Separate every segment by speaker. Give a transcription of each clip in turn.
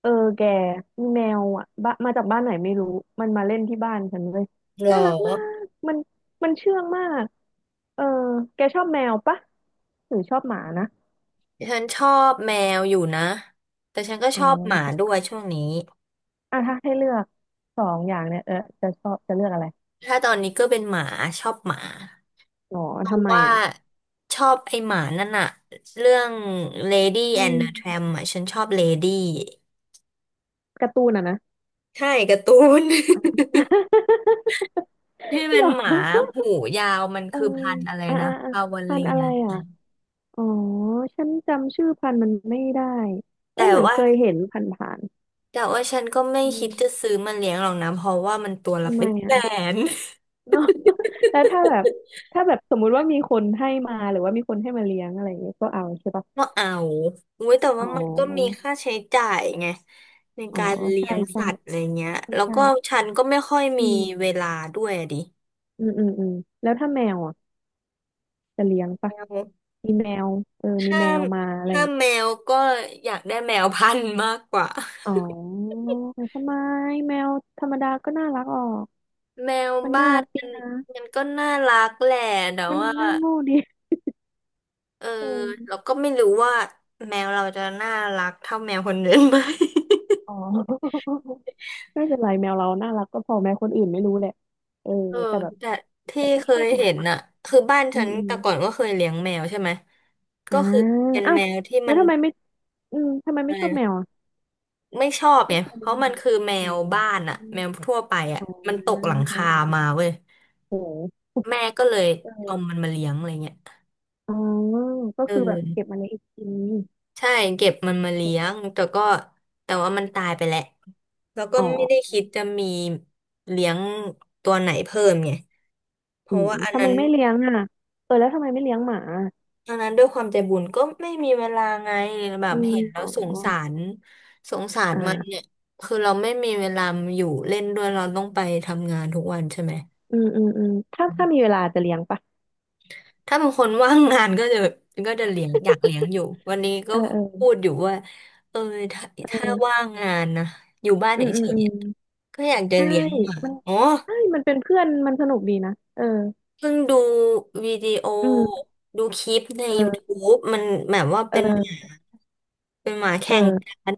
Speaker 1: เออแกมีแมวอ่ะบ้ามาจากบ้านไหนไม่รู้มันมาเล่นที่บ้านฉันเลย
Speaker 2: เหรอ
Speaker 1: น่ารักมากมันเชื่องมากเออแกชอบแมวปะหรือชอบหมานะ
Speaker 2: ฉันชอบแมวอยู่นะแต่ฉันก็
Speaker 1: อ๋
Speaker 2: ชอบหมา
Speaker 1: อ
Speaker 2: ด้วยช่วงนี้
Speaker 1: อ่ะถ้าให้เลือกสองอย่างเนี่ยเออจะชอบจะเลือกอะไร
Speaker 2: ถ้าตอนนี้ก็เป็นหมาชอบหมา
Speaker 1: หรอ
Speaker 2: เพราะ
Speaker 1: ทำไม
Speaker 2: ว่า
Speaker 1: อ่ะ
Speaker 2: ชอบไอหมานั่นอะเรื่อง Lady
Speaker 1: อื
Speaker 2: and the
Speaker 1: ม
Speaker 2: Tramp อะฉันชอบ Lady
Speaker 1: การ์ตูนอ่ะนะ
Speaker 2: ใช่การ์ตูน ที่ เป็
Speaker 1: หร
Speaker 2: น
Speaker 1: อ
Speaker 2: หมาหูยาวมัน
Speaker 1: เออ
Speaker 2: คือพันธุ์อะไร
Speaker 1: อ่า
Speaker 2: นะ
Speaker 1: อ่าอ่า
Speaker 2: พาวา
Speaker 1: พัน
Speaker 2: เลี
Speaker 1: ธุ์อะ
Speaker 2: ย
Speaker 1: ไรอ่ะอ๋อฉันจำชื่อพันธุ์มันไม่ได้เอ้
Speaker 2: แต่
Speaker 1: ยเหมือนเค
Speaker 2: ว่า
Speaker 1: ยเห็นผ่าน
Speaker 2: แต่ว่าฉันก็ไม่
Speaker 1: ๆอื
Speaker 2: คิ
Speaker 1: ม
Speaker 2: ดจะซื้อมาเลี้ยงหรอกนะเพราะว่ามันตัวละ
Speaker 1: ทำไม
Speaker 2: เป็นแส
Speaker 1: อ่ะ
Speaker 2: น
Speaker 1: เนาะ แล้วถ้าแบบถ้าแบบสมมุติว่ามีคนให้มาหรือว่ามีคนให้มาเลี้ยงอะไรอย่างเงี้ยก็เอาใช่ปะ
Speaker 2: ก็เอาอุ้ยแต่
Speaker 1: อ๋
Speaker 2: ว่ามันก็มี
Speaker 1: อ
Speaker 2: ค่าใช้จ่ายไงใน
Speaker 1: อ๋อ
Speaker 2: การเลี้
Speaker 1: ใช่
Speaker 2: ยง
Speaker 1: ใช่
Speaker 2: สัตว์อะไรเงี้ย
Speaker 1: ใช่
Speaker 2: แล้ว
Speaker 1: ใช่
Speaker 2: ก็ฉันก็ไม่ค่อย
Speaker 1: อื
Speaker 2: มีเว
Speaker 1: ม
Speaker 2: ลาด้วยอะดิ
Speaker 1: อืมอืมอืมแล้วถ้าแมวอ่ะจะเลี้ยง
Speaker 2: แม
Speaker 1: ปะ
Speaker 2: ว
Speaker 1: มีแมวเออมี
Speaker 2: ถ้า
Speaker 1: แมวมาอะไรอ
Speaker 2: ถ้า
Speaker 1: ย่าง
Speaker 2: แมวก็อยากได้แมวพันธุ์มากกว่า
Speaker 1: อ๋อทำไมแมวธรรมดาก็น่ารักออก
Speaker 2: แมว
Speaker 1: มัน
Speaker 2: บ้า
Speaker 1: น่ารั
Speaker 2: น
Speaker 1: กดี
Speaker 2: มัน
Speaker 1: นะ
Speaker 2: มันก็น่ารักแหละแต่
Speaker 1: มัน
Speaker 2: ว่า
Speaker 1: น่าโง่ดี
Speaker 2: เออ
Speaker 1: อืม
Speaker 2: เราก็ไม่รู้ว่าแมวเราจะน่ารักเท่าแมวคนอื่นไหม
Speaker 1: อ๋อ ไม่เป็นไรแมวเราน่ารักก็พอแมวคนอื่นไม่รู้แหละเออ
Speaker 2: เออ
Speaker 1: แต่แบบ
Speaker 2: แต่ที่
Speaker 1: แต่ก็
Speaker 2: เค
Speaker 1: ชอ
Speaker 2: ย
Speaker 1: บหมา
Speaker 2: เห็นน่ะคือบ้าน
Speaker 1: อื
Speaker 2: ฉั
Speaker 1: ม
Speaker 2: น
Speaker 1: อืม
Speaker 2: แต่ก่อนก็เคยเลี้ยงแมวใช่ไหมก็
Speaker 1: อ่า
Speaker 2: คือเป็น
Speaker 1: อ้าว
Speaker 2: แมวที่
Speaker 1: แล้
Speaker 2: มั
Speaker 1: ว
Speaker 2: น
Speaker 1: ทำไมไม่อืมทำไม
Speaker 2: อะ
Speaker 1: ไม่
Speaker 2: ไร
Speaker 1: ชอบ
Speaker 2: นะ
Speaker 1: แมวอ่ะ
Speaker 2: ไม่ชอบ
Speaker 1: ไม่
Speaker 2: ไง
Speaker 1: เคย
Speaker 2: เพ
Speaker 1: เลี้ยง
Speaker 2: ราะมันคือแม
Speaker 1: แม
Speaker 2: วบ้าน
Speaker 1: ว
Speaker 2: อะแมวทั่วไปอะ
Speaker 1: อ๋อ
Speaker 2: มันตกหลัง
Speaker 1: อ๋อ
Speaker 2: คา
Speaker 1: อ่า
Speaker 2: มาเว้ย
Speaker 1: โอเค
Speaker 2: แม่ก็เลยเอา
Speaker 1: ออ
Speaker 2: มันมาเลี้ยงอะไรเงี้ย
Speaker 1: อ๋อก็
Speaker 2: เอ
Speaker 1: คือแบบเก็บ
Speaker 2: อ
Speaker 1: มาเลี้ยงอีกอืม
Speaker 2: ใช่เก็บมันมาเลี้ยงแต่ก็แต่ว่ามันตายไปแล้วแล้วก็
Speaker 1: อ๋อ
Speaker 2: ไม่ได้คิดจะมีเลี้ยงตัวไหนเพิ่มไงเพ
Speaker 1: อื
Speaker 2: ราะ
Speaker 1: ม
Speaker 2: ว่าอัน
Speaker 1: ทำไม
Speaker 2: นั้น
Speaker 1: ไม่เลี้ยงอ่ะเออแล้วทำไมไม่เลี้ยงหมา
Speaker 2: ตอนนั้นด้วยความใจบุญก็ไม่มีเวลาไงแบ
Speaker 1: อื
Speaker 2: บ
Speaker 1: ม
Speaker 2: เห็นแล้
Speaker 1: อ๋
Speaker 2: ว
Speaker 1: อ
Speaker 2: สงสารสงสาร
Speaker 1: อ่
Speaker 2: มัน
Speaker 1: า
Speaker 2: เนี่ยคือเราไม่มีเวลาอยู่เล่นด้วยเราต้องไปทำงานทุกวันใช่ไหม
Speaker 1: อืมอืมอืมถ้ามีเวลาจะเลี้ยงปะ
Speaker 2: ถ้าเป็นคนว่างงานก็จะเลี้ยงอยากเลี้ยงอยู่วันนี้ก็
Speaker 1: เออเออ
Speaker 2: พูดอยู่ว่าเออถ้า
Speaker 1: เ
Speaker 2: ถ้า
Speaker 1: ออ
Speaker 2: ว่างงานนะอยู่บ้าน
Speaker 1: อืมอื
Speaker 2: เฉ
Speaker 1: ม
Speaker 2: ย
Speaker 1: อื
Speaker 2: ๆ
Speaker 1: ม
Speaker 2: อะก็อยากจะ
Speaker 1: ใช่
Speaker 2: เลี้ยงหมา
Speaker 1: มัน
Speaker 2: อ๋อ
Speaker 1: ใช่ มันเป็นเพื่อน มันสนุกดีนะ เออ
Speaker 2: เพิ่งดูวิดีโอ
Speaker 1: อืม
Speaker 2: ดูคลิปใน
Speaker 1: เออ
Speaker 2: YouTube มันแบบว่าเป็นหมา
Speaker 1: เออเอ
Speaker 2: แข่ง
Speaker 1: อ
Speaker 2: กัน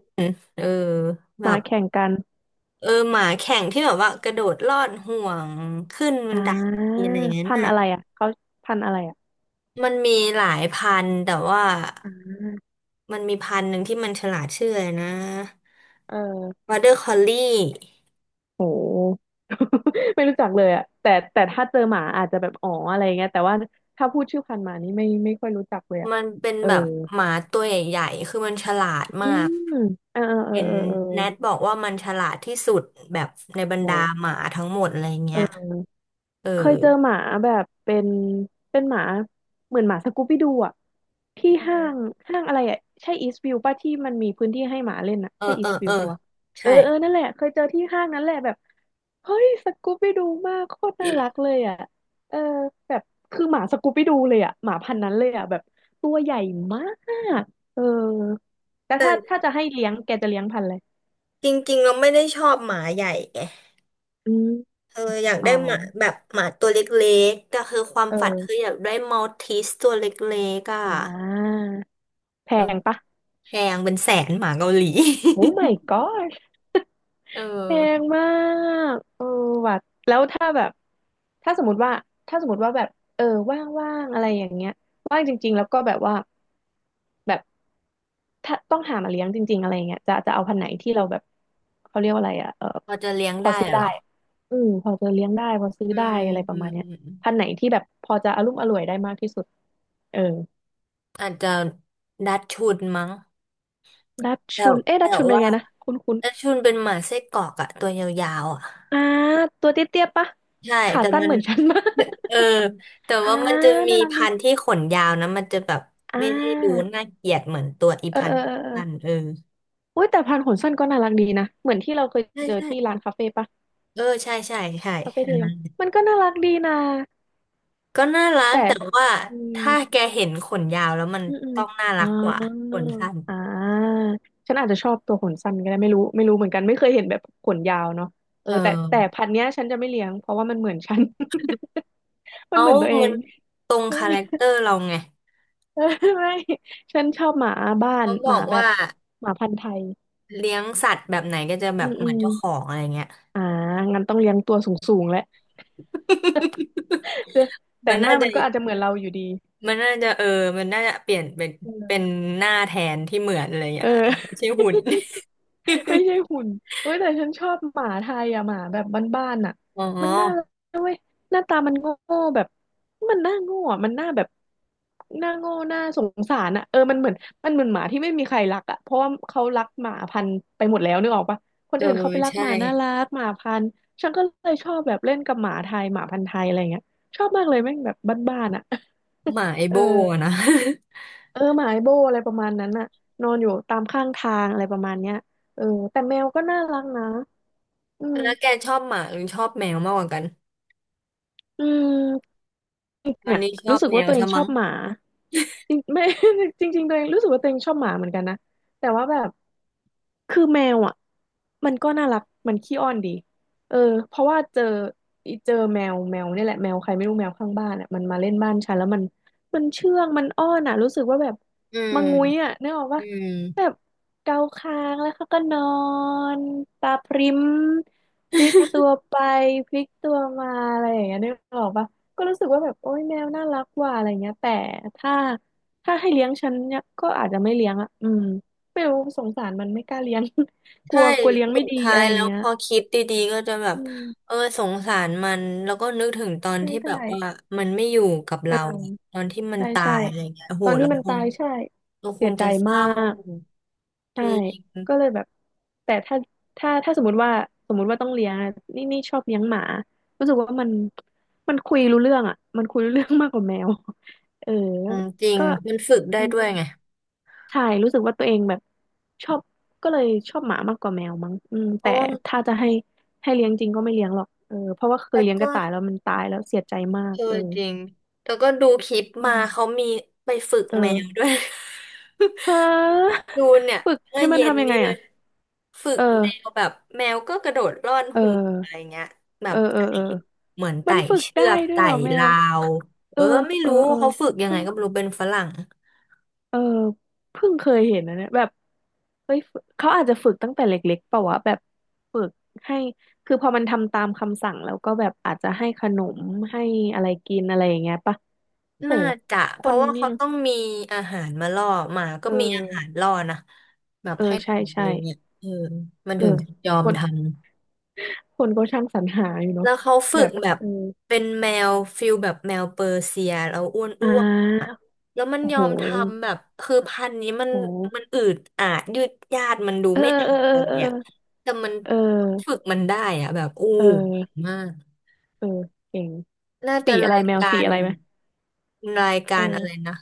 Speaker 2: เออแบ
Speaker 1: หมา
Speaker 2: บ
Speaker 1: แข่งกัน
Speaker 2: เออหมาแข่งที่แบบว่ากระโดดลอดห่วงขึ้นบั
Speaker 1: อ่
Speaker 2: นได
Speaker 1: า
Speaker 2: อะไรอย่างนั้น
Speaker 1: พัน
Speaker 2: น่ะ
Speaker 1: ธุ์อะไรอ่ะเขาพันธุ์อะไรอ่ะ
Speaker 2: มันมีหลายพันธุ์แต่ว่า
Speaker 1: อ่า
Speaker 2: มันมีพันธุ์หนึ่งที่มันฉลาดชื่ออะไรนะ
Speaker 1: เออ
Speaker 2: วอเดอร์คอลลี่
Speaker 1: โห ไม่รู้จักเลยอ่ะแต่ถ้าเจอหมาอาจจะแบบอ๋ออะไรเงี้ยแต่ว่าถ้าพูดชื่อพันธุ์หมานี่ไม่ค่อยรู้จักเลยอ่ะ
Speaker 2: มันเป็น
Speaker 1: เออ
Speaker 2: แบบหมาตัวใหญ่ๆคือมันฉลาดมา
Speaker 1: อื
Speaker 2: ก
Speaker 1: มเออเออ
Speaker 2: เห็น
Speaker 1: เออเออเอ
Speaker 2: แนท
Speaker 1: อ
Speaker 2: บอกว่ามันฉลาดที่สุดแบบในบรรดา
Speaker 1: โห
Speaker 2: หมาทั้งหมดอะไร
Speaker 1: เอ
Speaker 2: เงี้
Speaker 1: อ
Speaker 2: ยเออ
Speaker 1: เคยเจอหมาแบบเป็นเป็นหมาเหมือนหมาสกูบี้ดูอ่ะที่
Speaker 2: อ
Speaker 1: ห้างห้างอะไรอ่ะใช่อีสต์วิวป่ะที่มันมีพื้นที่ให้หมาเล่นอ่ะ
Speaker 2: เออ
Speaker 1: ใช่อี
Speaker 2: เอ
Speaker 1: ส
Speaker 2: อ
Speaker 1: ต์วิ
Speaker 2: เอ
Speaker 1: ว
Speaker 2: อ
Speaker 1: ป่ะวะเออ
Speaker 2: ใช่
Speaker 1: เออนั่นแหละเคยเจอที่ห้างนั้นแหละแบบเฮ้ยสกูบี้ดูมากโคตรน่ารักเลยอ่ะเออแบบคือหมาสกูบี้ดูเลยอ่ะหมาพันธุ์นั้นเลยอ่ะแบบตัวใหญ่มากเออแต่ถ้า
Speaker 2: แต่
Speaker 1: จะให้เลี้ยงแกจะเลี้ยงพันธุ์อะไร
Speaker 2: จริงๆเราไม่ได้ชอบหมาใหญ่ไง
Speaker 1: อืม
Speaker 2: เธออยาก
Speaker 1: อ๋อ
Speaker 2: ได้หมาแบบหมาตัวเล็กๆก็คือความฝันคือ
Speaker 1: เออ
Speaker 2: อยากได้มัลติสตัวเล็กๆอ่ะ
Speaker 1: อ่าแพ
Speaker 2: เออ
Speaker 1: งปะ
Speaker 2: แพงเป็นแสนหมาเกาหลี
Speaker 1: โอ้ my god
Speaker 2: เอ
Speaker 1: แพง
Speaker 2: อ
Speaker 1: มากเออว่ะแล้วถ้าแบบถ้าสมมติว่าถ้าสมมติว่าแบบเออว่างๆอะไรอย่างเงี้ยว่างจริงๆแล้วก็แบบว่าแบบถ้าต้องหามาเลี้ยงจริงๆอะไรเงี้ยจะเอาพันธุ์ไหนที่เราแบบเขาเรียกว่าอะไรอ่ะเออ
Speaker 2: พอจะเลี้ยง
Speaker 1: พอ
Speaker 2: ได้
Speaker 1: ซื้อ
Speaker 2: เหร
Speaker 1: ได้
Speaker 2: อ
Speaker 1: อืมพอจะเลี้ยงได้พอซื้อ
Speaker 2: อื
Speaker 1: ได้
Speaker 2: ม
Speaker 1: อะไรป
Speaker 2: อื
Speaker 1: ระมา
Speaker 2: ม
Speaker 1: ณเนี้
Speaker 2: อื
Speaker 1: ย
Speaker 2: ม
Speaker 1: พันธุ์ไหนที่แบบพอจะอรุ่มอร่วยได้มากที่สุดเออ
Speaker 2: อาจจะดัชชุนมั้ง
Speaker 1: ดัช
Speaker 2: แต่
Speaker 1: ชุนเอ๊ะ
Speaker 2: แต่
Speaker 1: ดัชชุนเป็นยั
Speaker 2: ว่า
Speaker 1: งไงนะคุณ
Speaker 2: ดัชชุนเป็นหมาไส้กรอกอะตัวยาวๆอะ
Speaker 1: อ่าตัวเตี้ยๆปะ
Speaker 2: ใช่
Speaker 1: ขา
Speaker 2: แต่
Speaker 1: สั้น
Speaker 2: มัน
Speaker 1: เหมือนฉันมาก
Speaker 2: เออแต่
Speaker 1: อ่า
Speaker 2: ว่ามันจะมี
Speaker 1: น่ารักดี
Speaker 2: พันธุ์ที่ขนยาวนะมันจะแบบ
Speaker 1: อ่
Speaker 2: ไม่ได้ดู
Speaker 1: า
Speaker 2: น่าเกลียดเหมือนตัวอี
Speaker 1: เออ
Speaker 2: พัน
Speaker 1: เออ
Speaker 2: ธุ์
Speaker 1: เออเออ
Speaker 2: สั้นเออ
Speaker 1: อุ้ยแต่พันขนสั้นก็น่ารักดีนะเหมือนที่เราเคย
Speaker 2: ใช่
Speaker 1: เจอ
Speaker 2: ใช่
Speaker 1: ที่ร้านคาเฟ่ปะ
Speaker 2: เออใช่ใช่ใช่
Speaker 1: คาเฟ่
Speaker 2: อั
Speaker 1: ที่
Speaker 2: น
Speaker 1: เรายั
Speaker 2: นั้
Speaker 1: ง
Speaker 2: น
Speaker 1: มันก็น่ารักดีนะ
Speaker 2: ก็น่ารัก
Speaker 1: แต่
Speaker 2: แต่ว่า
Speaker 1: อื
Speaker 2: ถ้า
Speaker 1: ม
Speaker 2: แกเห็นขนยาวแล้วมัน
Speaker 1: อืมอืม
Speaker 2: ต้องน่ารั
Speaker 1: อ่า
Speaker 2: กกว่าขนสั้น
Speaker 1: อ่าฉันอาจจะชอบตัวขนสั้นก็ได้ไม่รู้เหมือนกันไม่เคยเห็นแบบขนยาวเนาะเอ
Speaker 2: เ
Speaker 1: อแต่
Speaker 2: ออ
Speaker 1: พันธุ์เนี้ยฉันจะไม่เลี้ยงเพราะว่ามันเหมือนฉัน มัน
Speaker 2: เอา
Speaker 1: เหมือนตัวเอ
Speaker 2: มัน
Speaker 1: ง
Speaker 2: ตรง
Speaker 1: ฉัน
Speaker 2: คา
Speaker 1: ไม่
Speaker 2: แร
Speaker 1: เลี้ย
Speaker 2: คเตอ
Speaker 1: ง
Speaker 2: ร์เราไง
Speaker 1: เออไม่ฉันชอบหมาบ้าน
Speaker 2: เขาบ
Speaker 1: ห
Speaker 2: อ
Speaker 1: มา
Speaker 2: ก
Speaker 1: แบ
Speaker 2: ว่า
Speaker 1: บหมาพันธุ์ไทย
Speaker 2: เลี้ยงสัตว์แบบไหนก็จะแบ
Speaker 1: อื
Speaker 2: บ
Speaker 1: ม
Speaker 2: เห
Speaker 1: อื
Speaker 2: มือน
Speaker 1: ม
Speaker 2: เจ้าของอะไรเงี้ย
Speaker 1: อ่างั้นต้องเลี้ยงตัวสูงๆแหละ
Speaker 2: มั
Speaker 1: แต่
Speaker 2: น
Speaker 1: ห
Speaker 2: น่า
Speaker 1: น้ามั
Speaker 2: จะ
Speaker 1: นก็อาจจะเหมือนเราอยู่ดี
Speaker 2: มันน่าจะเออมันน่าจะเปลี่ยนเป็น
Speaker 1: เอ
Speaker 2: เป็น
Speaker 1: อ
Speaker 2: หน้าแทนที่เหมือนอะไรเงี้
Speaker 1: เอ
Speaker 2: ยอาจจะไม่
Speaker 1: อ
Speaker 2: ใช่หุ่น
Speaker 1: ไม่ใช่หุ่นเว้ยแต่ฉันชอบหมาไทยอะหมาแบบบ้านๆอะ
Speaker 2: อ๋อ
Speaker 1: มันน่ารักเว้ยหน้าตามันโง่แบบมันหน้าโง่อะมันหน้าแบบหน้าโง่หน้าสงสารอะเออมันเหมือนมันเหมือนหมาที่ไม่มีใครรักอะเพราะว่าเขารักหมาพันธุ์ไปหมดแล้วนึกออกปะคน
Speaker 2: เออ
Speaker 1: อื่นเขาไปรัก
Speaker 2: ใช่
Speaker 1: หมาน่ารักหมาพันธุ์ฉันก็เลยชอบแบบเล่นกับหมาไทยหมาพันธุ์ไทยอะไรเงี้ยชอบมากเลยแม่งแบบบ้านๆอะ
Speaker 2: หมาไอ
Speaker 1: เอ
Speaker 2: โบ
Speaker 1: อ
Speaker 2: นะ
Speaker 1: เออหมาไอโบอะไรประมาณนั้นน่ะนอนอยู่ตามข้างทางอะไรประมาณเนี้ยเออแต่แมวก็น่ารักนะอืม
Speaker 2: แล้วแกชอบหมาหรือชอบแมวมากกว่ากัน
Speaker 1: อืม
Speaker 2: ตอน
Speaker 1: เนี่ย
Speaker 2: นี้ชอ
Speaker 1: รู้
Speaker 2: บ
Speaker 1: สึก
Speaker 2: แม
Speaker 1: ว่า
Speaker 2: ว
Speaker 1: ตัวเอ
Speaker 2: ซะ
Speaker 1: งชอ
Speaker 2: มั้ง
Speaker 1: บหมาจริงไม่ จริงๆตัวเองรู้สึกว่าตัวเองชอบหมาเหมือนกันนะแต่ว่าแบบ คือแมวอ่ะมันก็น่ารักมันขี้อ้อนดีเออเพราะว่าเจอแมวเนี่ยแหละแมวใครไม่รู้แมวข้างบ้านอ่ะมันมาเล่นบ้านฉันแล้วมันเชื่องมันอ้อนอ่ะรู้สึกว่าแบบ
Speaker 2: อื
Speaker 1: มังงุ้ย
Speaker 2: ม
Speaker 1: อ่ะนึกออก
Speaker 2: อื
Speaker 1: ปะแบ
Speaker 2: ม
Speaker 1: บเกาคางแล้วเขาก็นอนตาพริ้มพลิกตัวไปพลิกตัวมาอะไรอย่างเงี้ยนึกออกปะก็รู้สึกว่าแบบโอ๊ยแมวน่ารักว่ะอะไรเงี้ยแต่ถ้าถ้าให้เลี้ยงฉันเนี่ยก็อาจจะไม่เลี้ยงอ่ะอืม ไม่รู้สงสารมันไม่กล้าเลี้ยง กลั
Speaker 2: ใช่
Speaker 1: วกลัวเลี้ยง
Speaker 2: สุ
Speaker 1: ไม่
Speaker 2: ด
Speaker 1: ดี
Speaker 2: ท้า
Speaker 1: อะ
Speaker 2: ย
Speaker 1: ไรอย่า
Speaker 2: แล้
Speaker 1: ง
Speaker 2: ว
Speaker 1: เงี้ย
Speaker 2: พอคิดดีๆก็จะแบบ
Speaker 1: อืม
Speaker 2: เออสงสารมันแล้วก็นึกถึงตอน
Speaker 1: ใช่
Speaker 2: ที่แบ
Speaker 1: ใช่
Speaker 2: บว่ามันไม่อยู่กับ
Speaker 1: เอ
Speaker 2: เราอะ
Speaker 1: อ
Speaker 2: ตอนที่มัน
Speaker 1: ใช่
Speaker 2: ตา
Speaker 1: ใช่
Speaker 2: ยอะไรเงี้ยโอ้
Speaker 1: ต
Speaker 2: โห
Speaker 1: อน
Speaker 2: เรา
Speaker 1: ที่มัน
Speaker 2: ค
Speaker 1: ตา
Speaker 2: ง
Speaker 1: ยใช่
Speaker 2: เราค
Speaker 1: เสี
Speaker 2: ง
Speaker 1: ยใจ
Speaker 2: จะเศ
Speaker 1: มา
Speaker 2: ร้า
Speaker 1: ก
Speaker 2: จ
Speaker 1: ใช่
Speaker 2: ริง
Speaker 1: ก็เลยแบบแต่ถ้าสมมติว่าต้องเลี้ยงอะนี่นี่ชอบเลี้ยงหมารู้สึกว่ามันคุยรู้เรื่องอ่ะมันคุยรู้เรื่องมากกว่าแมวเออ
Speaker 2: อืมจริง
Speaker 1: ก็
Speaker 2: มันฝึกได้ด้วยไง
Speaker 1: ใช่รู้สึกว่าตัวเองแบบชอบก็เลยชอบหมามากกว่าแมวมั้งอืม
Speaker 2: โอ้
Speaker 1: แต่ถ้าจะให้เลี้ยงจริงก็ไม่เลี้ยงหรอกเออเพราะว่าเคย
Speaker 2: แต่
Speaker 1: เลี้ยงก
Speaker 2: ก็
Speaker 1: ระต่ายแล้วมันตายแล้วเสียใจมาก
Speaker 2: เออ
Speaker 1: เออ
Speaker 2: จริง แล้วก็ดูคลิป
Speaker 1: อื
Speaker 2: มาเขา
Speaker 1: ม
Speaker 2: มีไปฝึก
Speaker 1: เอ
Speaker 2: แมว
Speaker 1: อ
Speaker 2: ด้วย
Speaker 1: ฮะ
Speaker 2: ดูเนี่ย
Speaker 1: ฝึก
Speaker 2: เมื่อ
Speaker 1: ให้มัน
Speaker 2: เย็น
Speaker 1: ทำยัง
Speaker 2: นี้
Speaker 1: ไง
Speaker 2: เล
Speaker 1: อ่ะ
Speaker 2: ยฝึก
Speaker 1: เ
Speaker 2: แมว
Speaker 1: ออ
Speaker 2: แบบแมวก็กระโดดร่อน
Speaker 1: เอ
Speaker 2: ห่วงอะไร
Speaker 1: อ
Speaker 2: เงี้ยแบ
Speaker 1: เอ
Speaker 2: บ
Speaker 1: อเออ
Speaker 2: ไต่
Speaker 1: เออ
Speaker 2: เหมือน
Speaker 1: มั
Speaker 2: ไต่
Speaker 1: นฝึก
Speaker 2: เชื
Speaker 1: ได้
Speaker 2: อก
Speaker 1: ด้วย
Speaker 2: ไต่
Speaker 1: เหรอแม
Speaker 2: รา
Speaker 1: ว
Speaker 2: วเอ
Speaker 1: เออ
Speaker 2: อไม่
Speaker 1: เออ
Speaker 2: รู้
Speaker 1: เออ
Speaker 2: เขาฝึกยังไง
Speaker 1: เพิ่ง
Speaker 2: ก็ไม่รู้เป็นฝรั่ง
Speaker 1: เออเพิ่งเคยเห็นนะเนี่ยแบบเฮ้ยฝึกเขาอาจจะฝึกตั้งแต่เล็กๆเปล่าวะแบบฝึกให้คือพอมันทำตามคำสั่งแล้วก็แบบอาจจะให้ขนมให้อะไรกินอะไรอย่างเงี้ยปะโห
Speaker 2: น่าจะ
Speaker 1: ค
Speaker 2: เพ
Speaker 1: น
Speaker 2: ราะว่า
Speaker 1: นี่
Speaker 2: เขา
Speaker 1: เนอะ
Speaker 2: ต้องมีอาหารมาล่อหมาก็
Speaker 1: เอ
Speaker 2: มีอาหาร
Speaker 1: อ
Speaker 2: ล่อนะแบบ
Speaker 1: เออ
Speaker 2: ให้
Speaker 1: ใช่
Speaker 2: ทำอะ
Speaker 1: ใช่
Speaker 2: ไรเงี้ยเออมัน
Speaker 1: เอ
Speaker 2: ถึง
Speaker 1: อ
Speaker 2: จะยอ
Speaker 1: ค
Speaker 2: ม
Speaker 1: น
Speaker 2: ทำ
Speaker 1: คนก็ช่างสรรหาอยู่เนาะ
Speaker 2: แล้วเขาฝึ
Speaker 1: แบ
Speaker 2: ก
Speaker 1: บ
Speaker 2: แบบ
Speaker 1: เออ
Speaker 2: เป็นแมวฟิลแบบแมวเปอร์เซียแล้วอ้วน
Speaker 1: อ่
Speaker 2: อ้วนอะ
Speaker 1: า
Speaker 2: แล้วมัน
Speaker 1: โอ้
Speaker 2: ยอ
Speaker 1: โห
Speaker 2: มทำแบบคือพันธุ์นี้มัน
Speaker 1: โอ้
Speaker 2: มัน
Speaker 1: โห
Speaker 2: อืดอาดยืดยาดมันดู
Speaker 1: เออ
Speaker 2: ไม่เอา
Speaker 1: เออเออ
Speaker 2: อะไร
Speaker 1: เออ
Speaker 2: อ่ะแต่มัน
Speaker 1: เอ
Speaker 2: ฝึก
Speaker 1: อ
Speaker 2: มันได้อ่ะแบบอู้
Speaker 1: เอ
Speaker 2: เก่ง
Speaker 1: อ
Speaker 2: มาก
Speaker 1: เออเออเก่ง
Speaker 2: น่าจะ
Speaker 1: สีอะไร
Speaker 2: ราย
Speaker 1: แมว
Speaker 2: กา
Speaker 1: สี
Speaker 2: ร
Speaker 1: อะไรไหมเอ
Speaker 2: อะไร
Speaker 1: อ
Speaker 2: นะ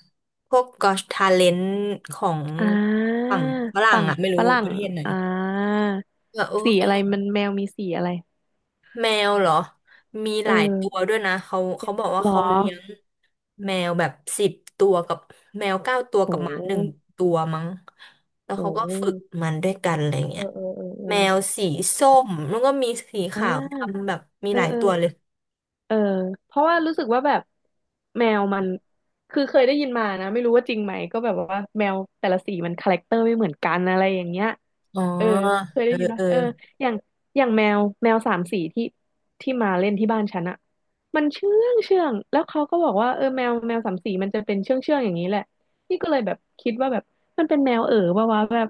Speaker 2: พวก Got Talent ของ
Speaker 1: อ่า
Speaker 2: ฝั่งฝรั่ง
Speaker 1: ฝั่ง
Speaker 2: อ่ะไม่
Speaker 1: ฝ
Speaker 2: รู้
Speaker 1: รั่
Speaker 2: ป
Speaker 1: ง
Speaker 2: ระเทศไหน
Speaker 1: อ่า
Speaker 2: แบบโอ้
Speaker 1: สี
Speaker 2: เก่
Speaker 1: อะไร
Speaker 2: ง
Speaker 1: มันแมวมีสีอะไร
Speaker 2: แมวเหรอ มีห
Speaker 1: เอ
Speaker 2: ลายตัว
Speaker 1: อ
Speaker 2: ด้วยนะ เขาบอกว่า
Speaker 1: หรอ
Speaker 2: เขาเลี้ยงแมวแบบ10 ตัวกับแมวเก้าตัว
Speaker 1: โ
Speaker 2: กับหมาหนึ่ง
Speaker 1: ห
Speaker 2: ตัวมั้งแล้ว
Speaker 1: โ
Speaker 2: เขาก็ฝึก
Speaker 1: ห
Speaker 2: มันด้วยกันอะไร
Speaker 1: เอ
Speaker 2: เงี้
Speaker 1: อ
Speaker 2: ย
Speaker 1: เออเออเออ
Speaker 2: แมวสีส้มแล้วก็มีสี
Speaker 1: อ่
Speaker 2: ขาว
Speaker 1: า
Speaker 2: ดำแบบมี
Speaker 1: เอ
Speaker 2: ห
Speaker 1: อ
Speaker 2: ลาย
Speaker 1: เออ
Speaker 2: ตัวเลย
Speaker 1: เออเพราะว่ารู้สึกว่าแบบแมวมันคือเคยได้ยินมานะไม่รู้ว่าจริงไหมก็แบบว่าแมวแต่ละสีมันคาแรคเตอร์ไม่เหมือนกันอะไรอย่างเงี้ย
Speaker 2: อ๋อ
Speaker 1: เออเคย
Speaker 2: เอ
Speaker 1: ได้
Speaker 2: อ
Speaker 1: ยินไหม
Speaker 2: เออ
Speaker 1: เอออย่างอย่างแมวสามสีที่มาเล่นที่บ้านฉันอะมันเชื่องเชื่องแล้วเขาก็บอกว่าเออแมวสามสีมันจะเป็นเชื่องเชื่องอย่างนี้แหละนี่ก็เลยแบบคิดว่าแบบมันเป็นแมวเอ๋อปะวะแบบ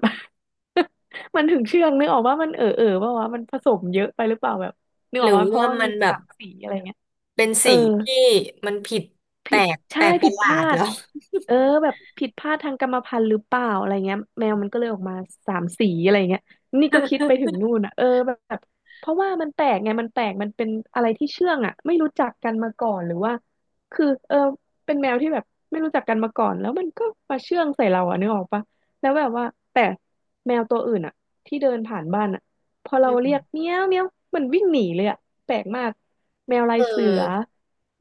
Speaker 1: มันถึงเชื่องนึกออกว่ามันเอ๋อเอ๋อปะวะมันผสมเยอะไปหรือเปล่าแบบนึก
Speaker 2: ห
Speaker 1: ออ
Speaker 2: รื
Speaker 1: ก
Speaker 2: อ
Speaker 1: ว่าเพราะ
Speaker 2: ว่า
Speaker 1: ว่ามัน
Speaker 2: มัน
Speaker 1: มี
Speaker 2: แบ
Speaker 1: สา
Speaker 2: บ
Speaker 1: มสีอะไร
Speaker 2: เป็น
Speaker 1: เอ
Speaker 2: สี
Speaker 1: อ
Speaker 2: ที่มันผิดแป
Speaker 1: ผิ
Speaker 2: ล
Speaker 1: ด
Speaker 2: กแป
Speaker 1: ใช่
Speaker 2: ลกป
Speaker 1: ผิ
Speaker 2: ระ
Speaker 1: ด
Speaker 2: ห
Speaker 1: พ
Speaker 2: ลา
Speaker 1: ลา
Speaker 2: ด
Speaker 1: ด
Speaker 2: แล้ว
Speaker 1: เออแบบผิดพลาดทางกรรมพันธุ์หรือเปล่าอะไรเงี้ยแมวมันก็เลยออกมาสามสีอะไรเงี้ยนี่ก็คิดไปถึงนู่นอ่ะเออแบบเพราะว่ามันแปลกไงมันแปลกมันเป็นอะไรที่เชื่องอ่ะไม่รู้จักกันมาก่อนหรือว่าคือเออเป็นแมวที่แบบไม่รู้จักกันมาก่อนแล้วมันก็มาเชื่องใส่เราอ่ะนึกออกปะแล้วแบบว่าแต่แมวตัวอื่นอ่ะที่เดินผ่านบ้านอ่ะพอ
Speaker 2: อ
Speaker 1: เรา
Speaker 2: ื
Speaker 1: เรียก
Speaker 2: ม
Speaker 1: เมี้ยวเมี้ยวมันวิ่งหนีเลยอ่ะแปลกมากแมวลา
Speaker 2: เอ
Speaker 1: ยเสือ
Speaker 2: อ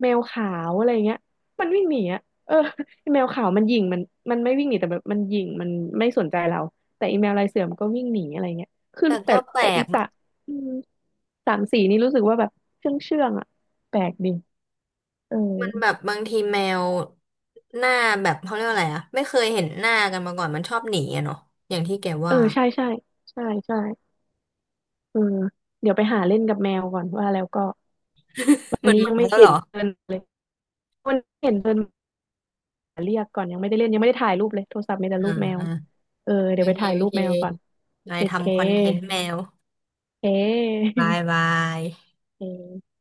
Speaker 1: แมวขาวอะไรเงี้ย มันวิ่งหนีอะเออไอแมวขาวมันหยิ่งมันไม่วิ่งหนีแต่แบบมันหยิ่งมันไม่สนใจเราแต่อีแมวลายเสือมันก็วิ่งหนีอะไรเงี้ยคือ
Speaker 2: แต่
Speaker 1: แต่
Speaker 2: ก็แปล
Speaker 1: แต่อี
Speaker 2: ก
Speaker 1: สระอืมสามสีนี่รู้สึกว่าแบบเชื่องเชื่องอะแปลกดีเออ
Speaker 2: มันแบบบางทีแมวหน้าแบบเขาเรียกว่าอะไรอะไม่เคยเห็นหน้ากันมาก่อนมันชอบหนีอะเนาะอย่างที่แก
Speaker 1: เออ
Speaker 2: ว่า
Speaker 1: ใช่ใช่ใช่ใช่เออเดี๋ยวไปหาเล่นกับแมวก่อนว่าแล้วก็ วัน
Speaker 2: มัน
Speaker 1: นี้
Speaker 2: มา
Speaker 1: ยังไม่
Speaker 2: แล้วเห
Speaker 1: เห็
Speaker 2: ร
Speaker 1: น
Speaker 2: อ
Speaker 1: เดินเลยวันนี้เห็นเดินมาเรียกก่อนยังไม่ได้เล่นยังไม่ได้ถ่ายรูปเลยโทรศัพท์มีแต่
Speaker 2: อ่า
Speaker 1: รูปแมว
Speaker 2: อ่า
Speaker 1: เออ
Speaker 2: โอ
Speaker 1: เดี๋ยวไป
Speaker 2: เค
Speaker 1: ถ่าย
Speaker 2: โอ
Speaker 1: รูป
Speaker 2: เค
Speaker 1: แมวก่อน
Speaker 2: นา
Speaker 1: เค
Speaker 2: ย
Speaker 1: เค
Speaker 2: ทำคอนเทนต์แมว
Speaker 1: เค
Speaker 2: บายบาย
Speaker 1: เค